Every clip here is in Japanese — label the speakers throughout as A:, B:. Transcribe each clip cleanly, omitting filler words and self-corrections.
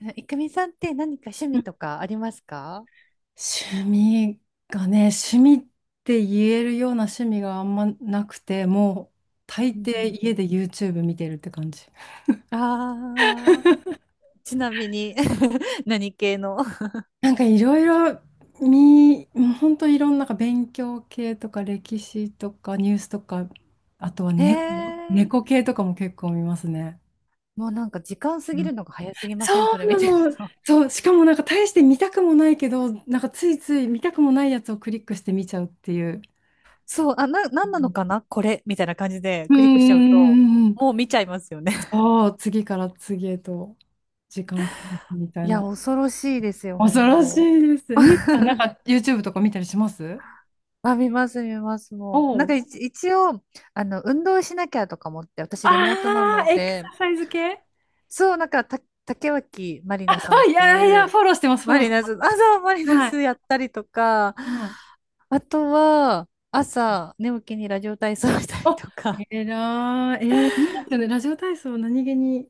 A: えいくみさんって何か趣味とかありますか？
B: 趣味がね、趣味って言えるような趣味があんまなくて、もう大
A: うんう
B: 抵
A: ん。
B: 家で YouTube 見てるって感じ。
A: ああー、ちなみに 何系の？
B: なんかいろいろもうほんといろんななんか勉強系とか歴史とかニュースとか、あとは
A: へえ、
B: 猫系とかも結構見ますね。
A: もうなんか時間過
B: う
A: ぎ
B: ん、
A: るのが早すぎま
B: そ
A: せんそ
B: う
A: れ見
B: な
A: てる
B: の。
A: と。
B: そう、しかもなんか大して見たくもないけど、なんかついつい見たくもないやつをクリックして見ちゃうっていう。
A: そう、あ、な、な
B: う
A: んなの
B: ん
A: かなこれみたいな感じで
B: うんう
A: クリックしちゃうと、
B: んうんうん、
A: もう見ちゃいますよね。
B: ああ、次から次へと時間みた
A: い
B: い
A: や、
B: な。
A: 恐ろしいですよ、
B: 恐
A: 本
B: ろし
A: 当。
B: いです。みゆきさん、なんか YouTube とか見たりします？
A: あ、見ます、見ます、
B: お
A: もう。なんか
B: お。
A: 一応、運動しなきゃとか思って、私リモートな
B: あ
A: の
B: あ、エク
A: で、
B: ササイズ系。
A: そう、なんか、竹脇まり
B: あ、
A: なさんっ
B: い
A: て
B: や
A: い
B: いや、
A: う、
B: フォローしてます、フォ
A: マ
B: ローし
A: リ
B: て
A: ナ
B: ま
A: ス、あ、そう、マリ
B: す。
A: ナ
B: は
A: ス
B: い。
A: やったりとか、
B: はい。
A: あとは、朝、寝起きにラジオ体操したり
B: お、
A: とか。
B: えらい。えー、いいですよね。ラジオ体操、何気に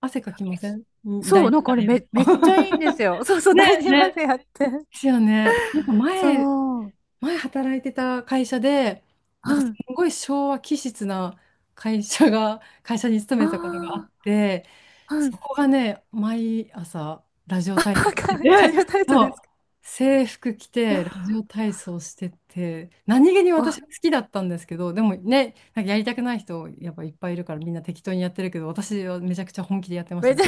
B: 汗かきませんん
A: そ
B: 第
A: う、なん
B: 2
A: か
B: 波
A: あれ
B: でやる
A: めっちゃいいんで
B: と。
A: すよ。そう そう、
B: ね、
A: 第二ま
B: ね。
A: でやって。
B: ですよね。なんか前、
A: そう。
B: 前働いてた会社で、
A: う
B: なんかす
A: ん。
B: ごい昭和気質な会社が、会社に勤めてたことがあ
A: あ
B: って、
A: あ、う
B: そ
A: ん。
B: こがね、毎朝ラジオ
A: あ、
B: 体操し
A: か
B: て
A: ラジ
B: て、
A: オ体操
B: そ
A: で
B: う、
A: すか？
B: 制服着てラジオ体操してて、何気に私
A: わ、
B: は好きだったんですけど、でもね、なんかやりたくない人やっぱいっぱいいるからみんな適当にやってるけど、私はめちゃくちゃ本気でやってまし
A: め
B: た
A: っち
B: ね。
A: ゃ、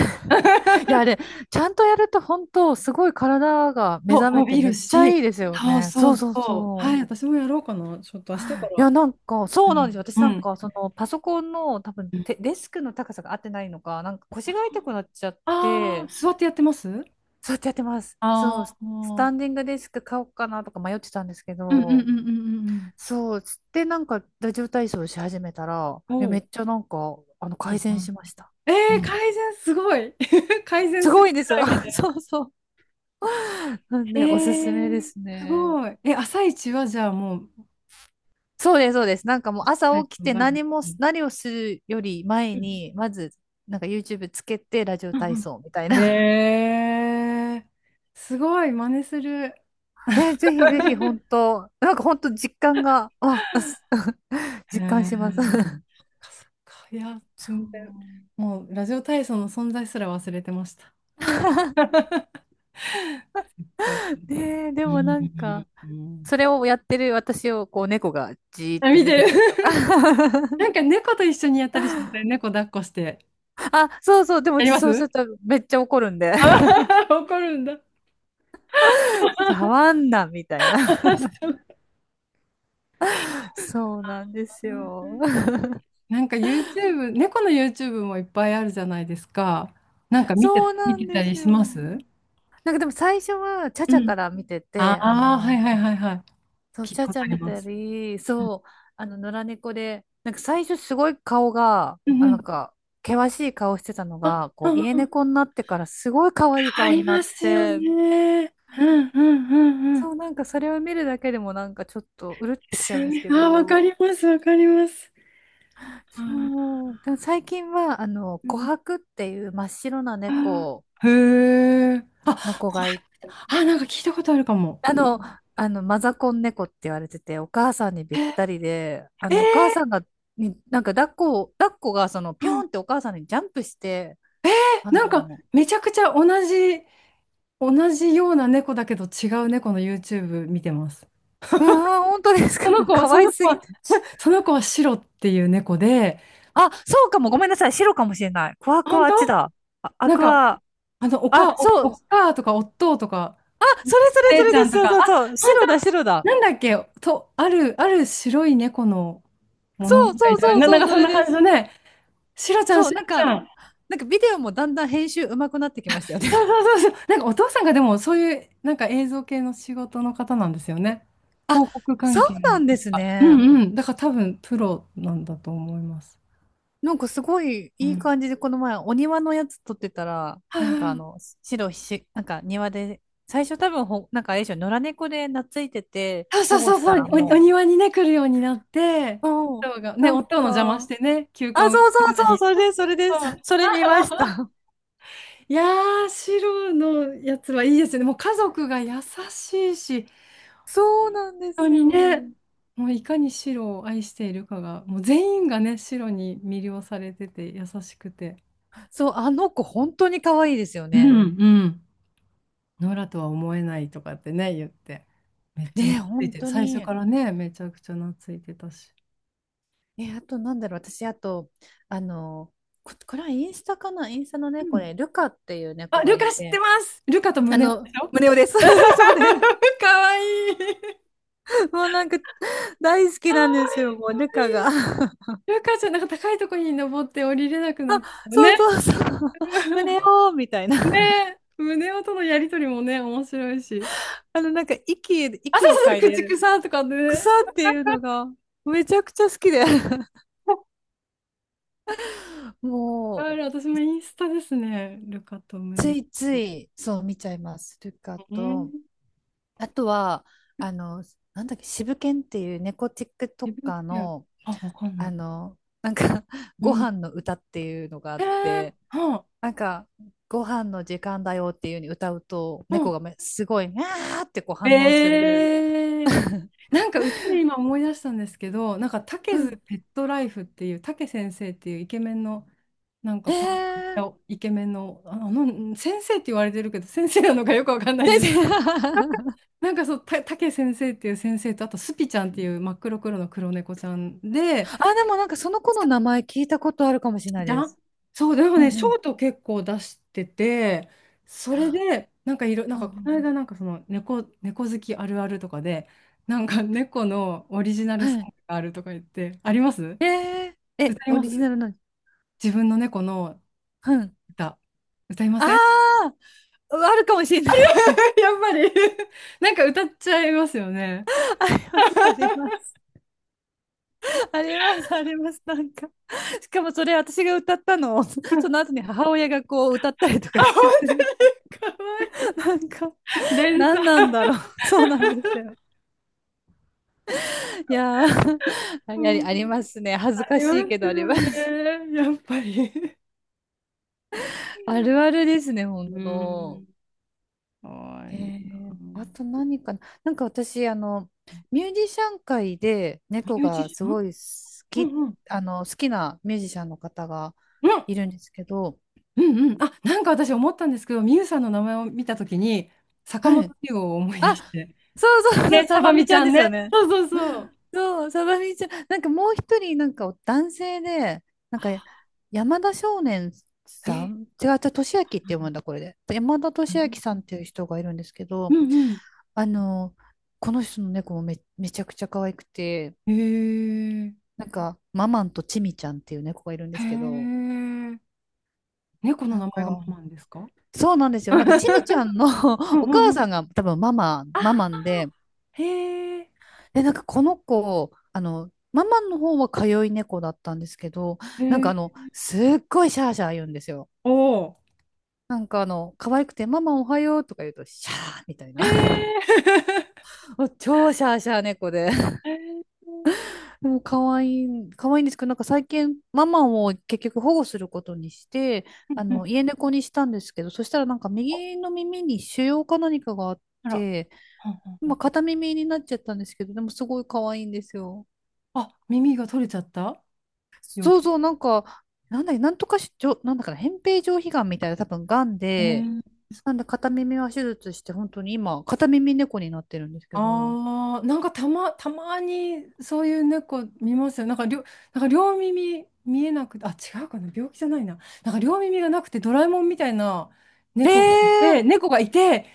A: いや、ちゃんとやると本当、すごい体が目
B: そう、
A: 覚め
B: 伸
A: て
B: び
A: めっ
B: る
A: ちゃ
B: し、
A: いいですよ
B: そう
A: ね。
B: そ
A: そう
B: う
A: そう
B: そう。は
A: そ
B: い、
A: う。
B: 私もやろうかな。ちょっと明日か
A: い
B: ら。
A: や、なんか、そ
B: う
A: うなんですよ。
B: ん。
A: 私な
B: う
A: ん
B: ん、
A: か、パソコンの多分デスクの高さが合ってないのか、なんか腰が痛くなっちゃっ
B: ああー、
A: て、
B: 座ってやってます？
A: そうやってやってます。
B: あ
A: そう、ス
B: あ
A: ス
B: ー、
A: タンディングデスク買おうかなとか迷ってたんですけ
B: うんうんう
A: ど、
B: んうんうんうん、
A: そう、つってなんか、ラジオ体操し始めたら、
B: うん。
A: いや
B: お
A: めっ
B: お。
A: ちゃなんか、
B: いい
A: 改
B: じゃ
A: 善
B: ん。
A: しました。
B: え
A: う
B: えー、
A: ん。
B: 改善すごい。改善
A: す
B: す
A: ご
B: る
A: いんです
B: く
A: よ。
B: らいま で。
A: そうそう。なん
B: え
A: で、おす
B: え
A: すめで
B: ー、
A: す
B: す
A: ね。
B: ごい。え、朝一はじゃあもう、
A: そうです、そうです。なんかもう朝
B: はい、
A: 起き
B: わ
A: て
B: かる。
A: 何も
B: うん
A: 何をするより前
B: うん
A: に、まず、なんか YouTube つけてラジオ
B: う
A: 体
B: ん、
A: 操みたいな。
B: ええ、すごい、真似する。
A: え、ぜひぜひ本 当、なんか本当実感が、あ、
B: へ
A: 実感
B: え、
A: します。
B: そっか、いや、
A: そ
B: 全然、
A: う。
B: もうラジオ体操の存在すら忘れてました。はい、
A: ねえ、で
B: うん
A: もなんか、
B: うんうん、
A: それをやってる私をこう猫がじーっ
B: あ、
A: て
B: 見
A: 見
B: て
A: て
B: る。
A: たりとか。
B: な んか猫と一緒にやったりしません？猫抱っこして。
A: あ、そうそう、で
B: や
A: も
B: りま
A: そうす
B: す？
A: るとめっちゃ怒るんで。
B: あー、 怒るんだ。
A: 触 んな、みたいな。
B: そう。
A: そうなんですよ。
B: なんか YouTube、猫の YouTube もいっぱいあるじゃないですか。なん か見て、
A: そう
B: 見
A: な
B: て
A: ん
B: た
A: で
B: り
A: す
B: し
A: よ。
B: ます？
A: なんかでも最初は、チャ
B: う
A: チャ
B: ん、
A: から見て
B: あ
A: て、
B: あー、はいはいはいはい。
A: そう、
B: 聞い
A: チ
B: た
A: ャ
B: こ
A: チ
B: と
A: ャ
B: あり
A: 見
B: ま
A: た
B: す。
A: り、そう、野良猫で、なんか最初すごい顔が、
B: うん
A: あ、
B: うん。
A: なんか、険しい顔してたの
B: あ、
A: が、
B: う
A: こう、
B: ん
A: 家
B: うん。
A: 猫になってからすごい可愛い
B: あ
A: 顔
B: り
A: にな
B: ま
A: っ
B: すよ
A: て、
B: ね。うんうんうんうん。で
A: そう、なんかそれを見るだけでもなんかちょっとうるってきち
B: す
A: ゃうん
B: よ
A: です
B: ね。
A: け
B: あー、わか
A: ど、
B: ります、わかります。あー、
A: そう、でも最近は、
B: う
A: 琥
B: ん、
A: 珀っていう真っ白な
B: あ
A: 猫
B: ー、へえ。あ、
A: の子がい
B: あ、なんか聞いたことあるかも。
A: あの、あの、マザコン猫って言われてて、お母さんにべった
B: え、
A: りで、
B: え
A: お母
B: ー、
A: さんが、に、なんか抱っこが
B: う
A: ピ
B: ん、
A: ョンってお母さんにジャンプして、あ
B: なんか、
A: の、
B: めちゃくちゃ同じ、同じような猫だけど違う猫の YouTube 見てます。
A: うわー、本当です
B: そ
A: か？
B: の
A: もう
B: 子は、
A: 可
B: そ
A: 愛
B: の
A: す
B: 子
A: ぎ
B: は、
A: て。
B: その子はシロっていう猫で、
A: あ、そうかも。ごめんなさい。白かもしれない。クワク
B: 本
A: ワあ
B: 当、
A: っちだ。あ、ア
B: なん
A: ク
B: か、
A: ア。
B: あの、
A: あ、そう。
B: おかとか、おっとうとか、
A: あ、
B: お
A: それそれそ
B: 姉ち
A: れ
B: ゃ
A: で
B: ん
A: す。
B: と
A: そう
B: か、あ、
A: そうそう。
B: 本当、
A: 白だ、白だ。
B: なんだっけ、と、ある白い猫の物
A: そ
B: 語
A: うそ
B: み
A: う
B: たい
A: そ
B: な、
A: う
B: な、なん
A: そう、
B: か
A: そ
B: そん
A: れ
B: な
A: で
B: 感じ
A: す。
B: のね、シロちゃん、
A: そう、
B: シ
A: なん
B: ロち
A: か、
B: ゃん。
A: なんかビデオもだんだん編集上手くなってきましたよね。
B: そうそうそうそう。なんかお父さんがでもそういう、なんか映像系の仕事の方なんですよね。
A: あ、
B: 広告
A: そ
B: 関係
A: うな
B: の
A: んで
B: 確
A: す
B: か。う
A: ね。
B: んうん。だから多分プロなんだと思います。
A: なんかすごい
B: う
A: いい
B: ん。
A: 感じで、この前お庭のやつ撮ってたら、
B: はい
A: なんか
B: はい
A: 白ひし、なんか庭で、最初多分なんかあれでしょ、野良猫で懐いてて、
B: はい、そう
A: 保護
B: そう
A: し
B: そ
A: た
B: うそ
A: ら
B: う。お、お
A: も
B: 庭にね、来るようになって、
A: う、うん、
B: 夫が、ね、
A: なん
B: 夫の邪魔し
A: か、
B: てね、球根を
A: あ、
B: 植
A: そう
B: え
A: そ
B: る
A: う
B: の
A: そう、
B: に。
A: それです、それで
B: そう、
A: す。それ見まし た。
B: いやー、白のやつはいいですよね。もう家族が優しいし、
A: そう
B: 本
A: なんで
B: 当
A: す
B: に
A: よ。
B: ね、もういかに白を愛しているかが、もう全員がね、白に魅了されてて優しくて、
A: そう、あの子本当に可愛いですよ
B: う
A: ね。
B: んうん、ノラとは思えないとかってね、言って、めっちゃ
A: ねえ、
B: 懐い
A: 本
B: て
A: 当
B: 最初
A: に。
B: からね、めちゃくちゃ懐いてたし。
A: え、あとなんだろう、私、あと、あの、これはインスタかなインスタの
B: う
A: ね、こ
B: ん、
A: れ、ルカっていう猫
B: あ、
A: が
B: ル
A: い
B: カ知って
A: て、
B: ます。ルカと胸をでしょ？
A: 胸をです。そうね。
B: かわいい。かわ
A: もうなんか、大好きなんです
B: い
A: よ、
B: い、
A: もう、
B: かわ
A: ル
B: い
A: カ
B: い。
A: が。
B: ルカちゃん、なんか高いとこに登って降りれなくなって
A: そうそ
B: ね。
A: うそう。胸 をみたいな。
B: ね。胸音とのやりとりもね、面白いし。
A: なんか、息、
B: あ、そ
A: 息
B: う
A: を
B: そうそう、
A: 嗅い
B: 駆
A: でる、
B: 逐さんとかね。
A: 草っていうのが、めちゃくちゃ好きで。
B: あ
A: もう、
B: る、私もインスタですね。ルカとム
A: つ
B: ネ。
A: いつい、そう、見ちゃいます、ルカ
B: う
A: と。
B: ん。
A: あとは、あの、なんだっけ、渋犬っていう猫
B: 自分
A: TikToker
B: ケア。
A: の、
B: あ、わかんな
A: あ
B: い。
A: の、
B: う
A: ご
B: ん。
A: 飯の歌っていうのがあ
B: え
A: っ
B: ー、
A: て、
B: は、
A: なんか、ご飯の時間だよっていう風に歌うと、
B: あ、う
A: 猫
B: ん。
A: がすごい、あーってこう
B: え
A: 反応する。
B: ー、なんか歌で今思い出したんですけど、なんか竹
A: う
B: ズ
A: ん。
B: ペットライフっていう竹先生っていうイケメンのなんか
A: へ
B: パ
A: え。
B: ンイケメンの、あのうん、先生って言われてるけど先生なのかよくわかんないんです。
A: 先生
B: なんかそうた竹先生っていう先生とあとスピちゃんっていう真っ黒黒の黒猫ちゃんで、
A: あ、でもなんかその子
B: ス
A: の
B: タ
A: 名
B: ッ
A: 前聞いたことあるかもしれない
B: じゃ
A: で
B: ん、
A: す。
B: そう、でも
A: うん
B: ね、シ
A: う
B: ョ
A: ん。
B: ート結構出してて、それ
A: あ、
B: で、なんかいろ、なん
A: うんう
B: かこの
A: ん。
B: 間、なんかその猫、猫好きあるあるとかで、なんか猫のオリジナル
A: は
B: ソン
A: い。
B: グがあるとか言って、あります？
A: え、
B: 歌い
A: オ
B: ま
A: リ
B: す？
A: ジナルの。
B: 自分の猫の
A: うん。
B: 歌、歌いま
A: あ
B: せん？
A: あ、あるかもしれないです。
B: やっぱり、 なんか歌っちゃいますよね。
A: あります、あります。あります、あります。なんか。しかもそれ私が歌ったのを、その後に母親がこう歌ったりと
B: あ、
A: かし
B: 本
A: てて、
B: 当にかわい
A: なんか。
B: い。連
A: 何
B: 鎖。
A: なんだろう。そうなんですよ。いやー、あ
B: う
A: り、
B: ん、
A: ありますね。恥ず
B: あ
A: か
B: りま
A: しいけ
B: す
A: どあり
B: よ
A: ま
B: ね。
A: す。
B: やっぱり。
A: あるあるですね、本
B: う
A: 当。
B: ん。かわいいな。
A: あと何かな。なんか私、ミュージシャン界で猫
B: ミュージ
A: が
B: シ
A: す
B: ャン。
A: ごい好
B: う
A: き、
B: んうん。
A: 好きなミュージシャンの方が
B: うん
A: いるんですけど、
B: うんうん。あ、なんか私思ったんですけど、ミユさんの名前を見たときに、坂
A: はい。
B: 本龍を思い出
A: あ、
B: して。
A: そうそうそう、
B: ね、
A: サ
B: サ
A: バ
B: バ
A: ミ
B: ミ
A: ち
B: ち
A: ゃん
B: ゃ
A: で
B: ん
A: す
B: ね。
A: よね。
B: そうそうそう。
A: そう、サバミちゃん。なんかもう一人、なんか男性で、なんか山田少年さ
B: え、
A: ん、違う違う、俊明って読むんだ、これで。山田俊明さんっていう人がいるんですけ
B: う
A: ど、
B: ん
A: あの、この人の猫もめちゃくちゃ可愛くて、
B: うん。へえ。
A: なんか、ママンとチミちゃんっていう猫がいるんで
B: へ
A: すけど、
B: え。猫の
A: なん
B: 名前が
A: か、
B: ママンですか？
A: そうなんですよ。なんか、チミちゃ んの
B: う んう
A: お
B: んう
A: 母さ
B: ん。
A: んが多分ママ、
B: ああ、
A: ママンで、
B: へえ。
A: え、なんかこの子、ママの方は通い猫だったんですけど、
B: へ
A: なんか
B: え。
A: すっごいシャーシャー言うんですよ。
B: おお。
A: なんか可愛くて、ママおはようとか言うと、シャーみたい
B: へ
A: な。
B: え。
A: 超シャーシャー猫で。
B: へえ、う
A: でも可愛い、可愛いんですけど、なんか最近、ママを結局保護することにして、
B: んう
A: 家
B: ん、
A: 猫にしたんですけど、そしたらなんか右の耳に腫瘍か何かがあっ
B: あら。
A: て、
B: うんうん、
A: 今片耳になっちゃったんですけど、でもすごい可愛いんですよ。
B: あ、耳が取れちゃった病
A: そう
B: 気。
A: そう、なんか、なんだっけ、なんとかし、じょ、なんだかな、扁平上皮がんみたいな、多分がんで、
B: へ、
A: なんで片耳は手術して、本当に今、片耳猫になってるんですけど。
B: ああ、なんかたまにそういう猫見ますよ。なんか両、なんか両耳見えなくて、あ、違うかな、病気じゃないな。なんか両耳がなくてドラえもんみたいな
A: ええー、
B: 猫がいて、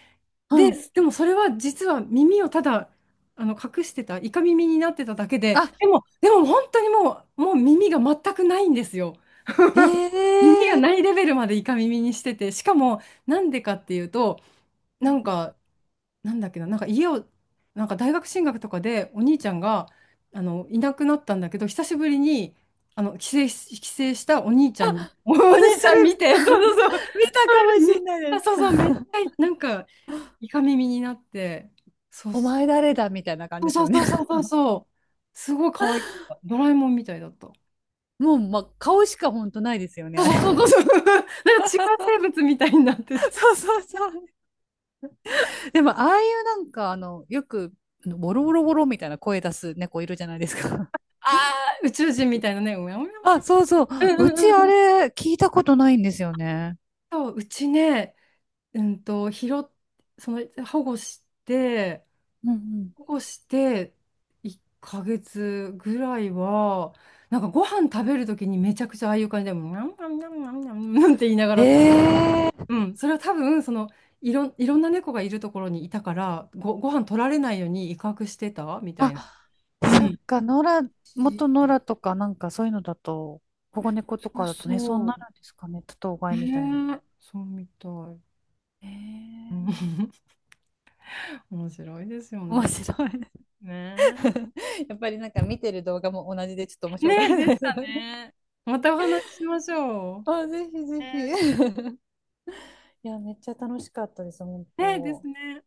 A: う
B: で、
A: ん。
B: でもそれは実は耳をただあの隠してた、イカ耳になってただけで、
A: あ、
B: でも、でも本当にもう、もう耳が全くないんですよ。
A: え
B: 耳がない
A: え
B: レベルまでイカ耳にしてて、しかもなんでかっていうと、なん
A: ー、
B: か、なんだっけな、なんか家を、なんか大学進学とかでお兄ちゃんがあのいなくなったんだけど、久しぶりにあの帰省したお兄ちゃんに、
A: あ、
B: お
A: 私、
B: 兄ち
A: それ
B: ゃん見て、そう そうそう、
A: 見た
B: そ
A: か
B: れで
A: もし
B: めっ
A: れ
B: ち
A: ない
B: ゃ、
A: です。
B: そうそう、めっちゃなんかイカ耳になって、そう
A: お
B: そ
A: 前誰だみたいな感じ
B: う
A: です
B: そう
A: よね。
B: そうそう そうそう、すごい可愛かった。ドラえもんみたいだった。
A: もう、まあ、顔しか本当ないですよね、
B: そ
A: あれ。
B: うそうそうそう、なんか違う生物みたいになって て、
A: そうそうそう。でも、ああいうなんか、よく、ボロボロボロみたいな声出す猫いるじゃないですか。
B: ああ、宇宙人みたいなね、うやうや、
A: あ、そうそう。
B: うん
A: う
B: うん
A: ち
B: う
A: あ
B: んうん。
A: れ聞いたことないんですよね。
B: そう、うちね、うんと、拾っ、その、保護して、
A: うんうん。
B: 保護して、1ヶ月ぐらいは、なんかご飯食べるときにめちゃくちゃああいう感じで、ニャンニャンニャンニャンニャンなんて言いながら食べて、
A: ええ、
B: うん、それは多分、その、いろんな猫がいるところにいたから、ご飯取られないように威嚇してたみたいな。
A: あ、
B: う
A: そっ
B: ん。
A: か、野良、
B: し、
A: 元野良とかなんかそういうのだと、保護猫
B: そ
A: と
B: う
A: かだとね、そうな
B: そ
A: るんですかね。多頭飼
B: う。
A: いみたいな。
B: ねえ、そうみたい。
A: え
B: う
A: え、
B: ん、 面白いですよ
A: 面
B: ね。
A: 白い。
B: ねえ。
A: やっぱりなんか見てる動画も同じでちょっと面白かっ
B: ね、
A: た
B: でし
A: です。
B: た ね。またお話ししましょう。
A: あ、ぜひぜひ。
B: ね、
A: いや、めっちゃ楽しかったです、本
B: ね、です
A: 当。
B: ね。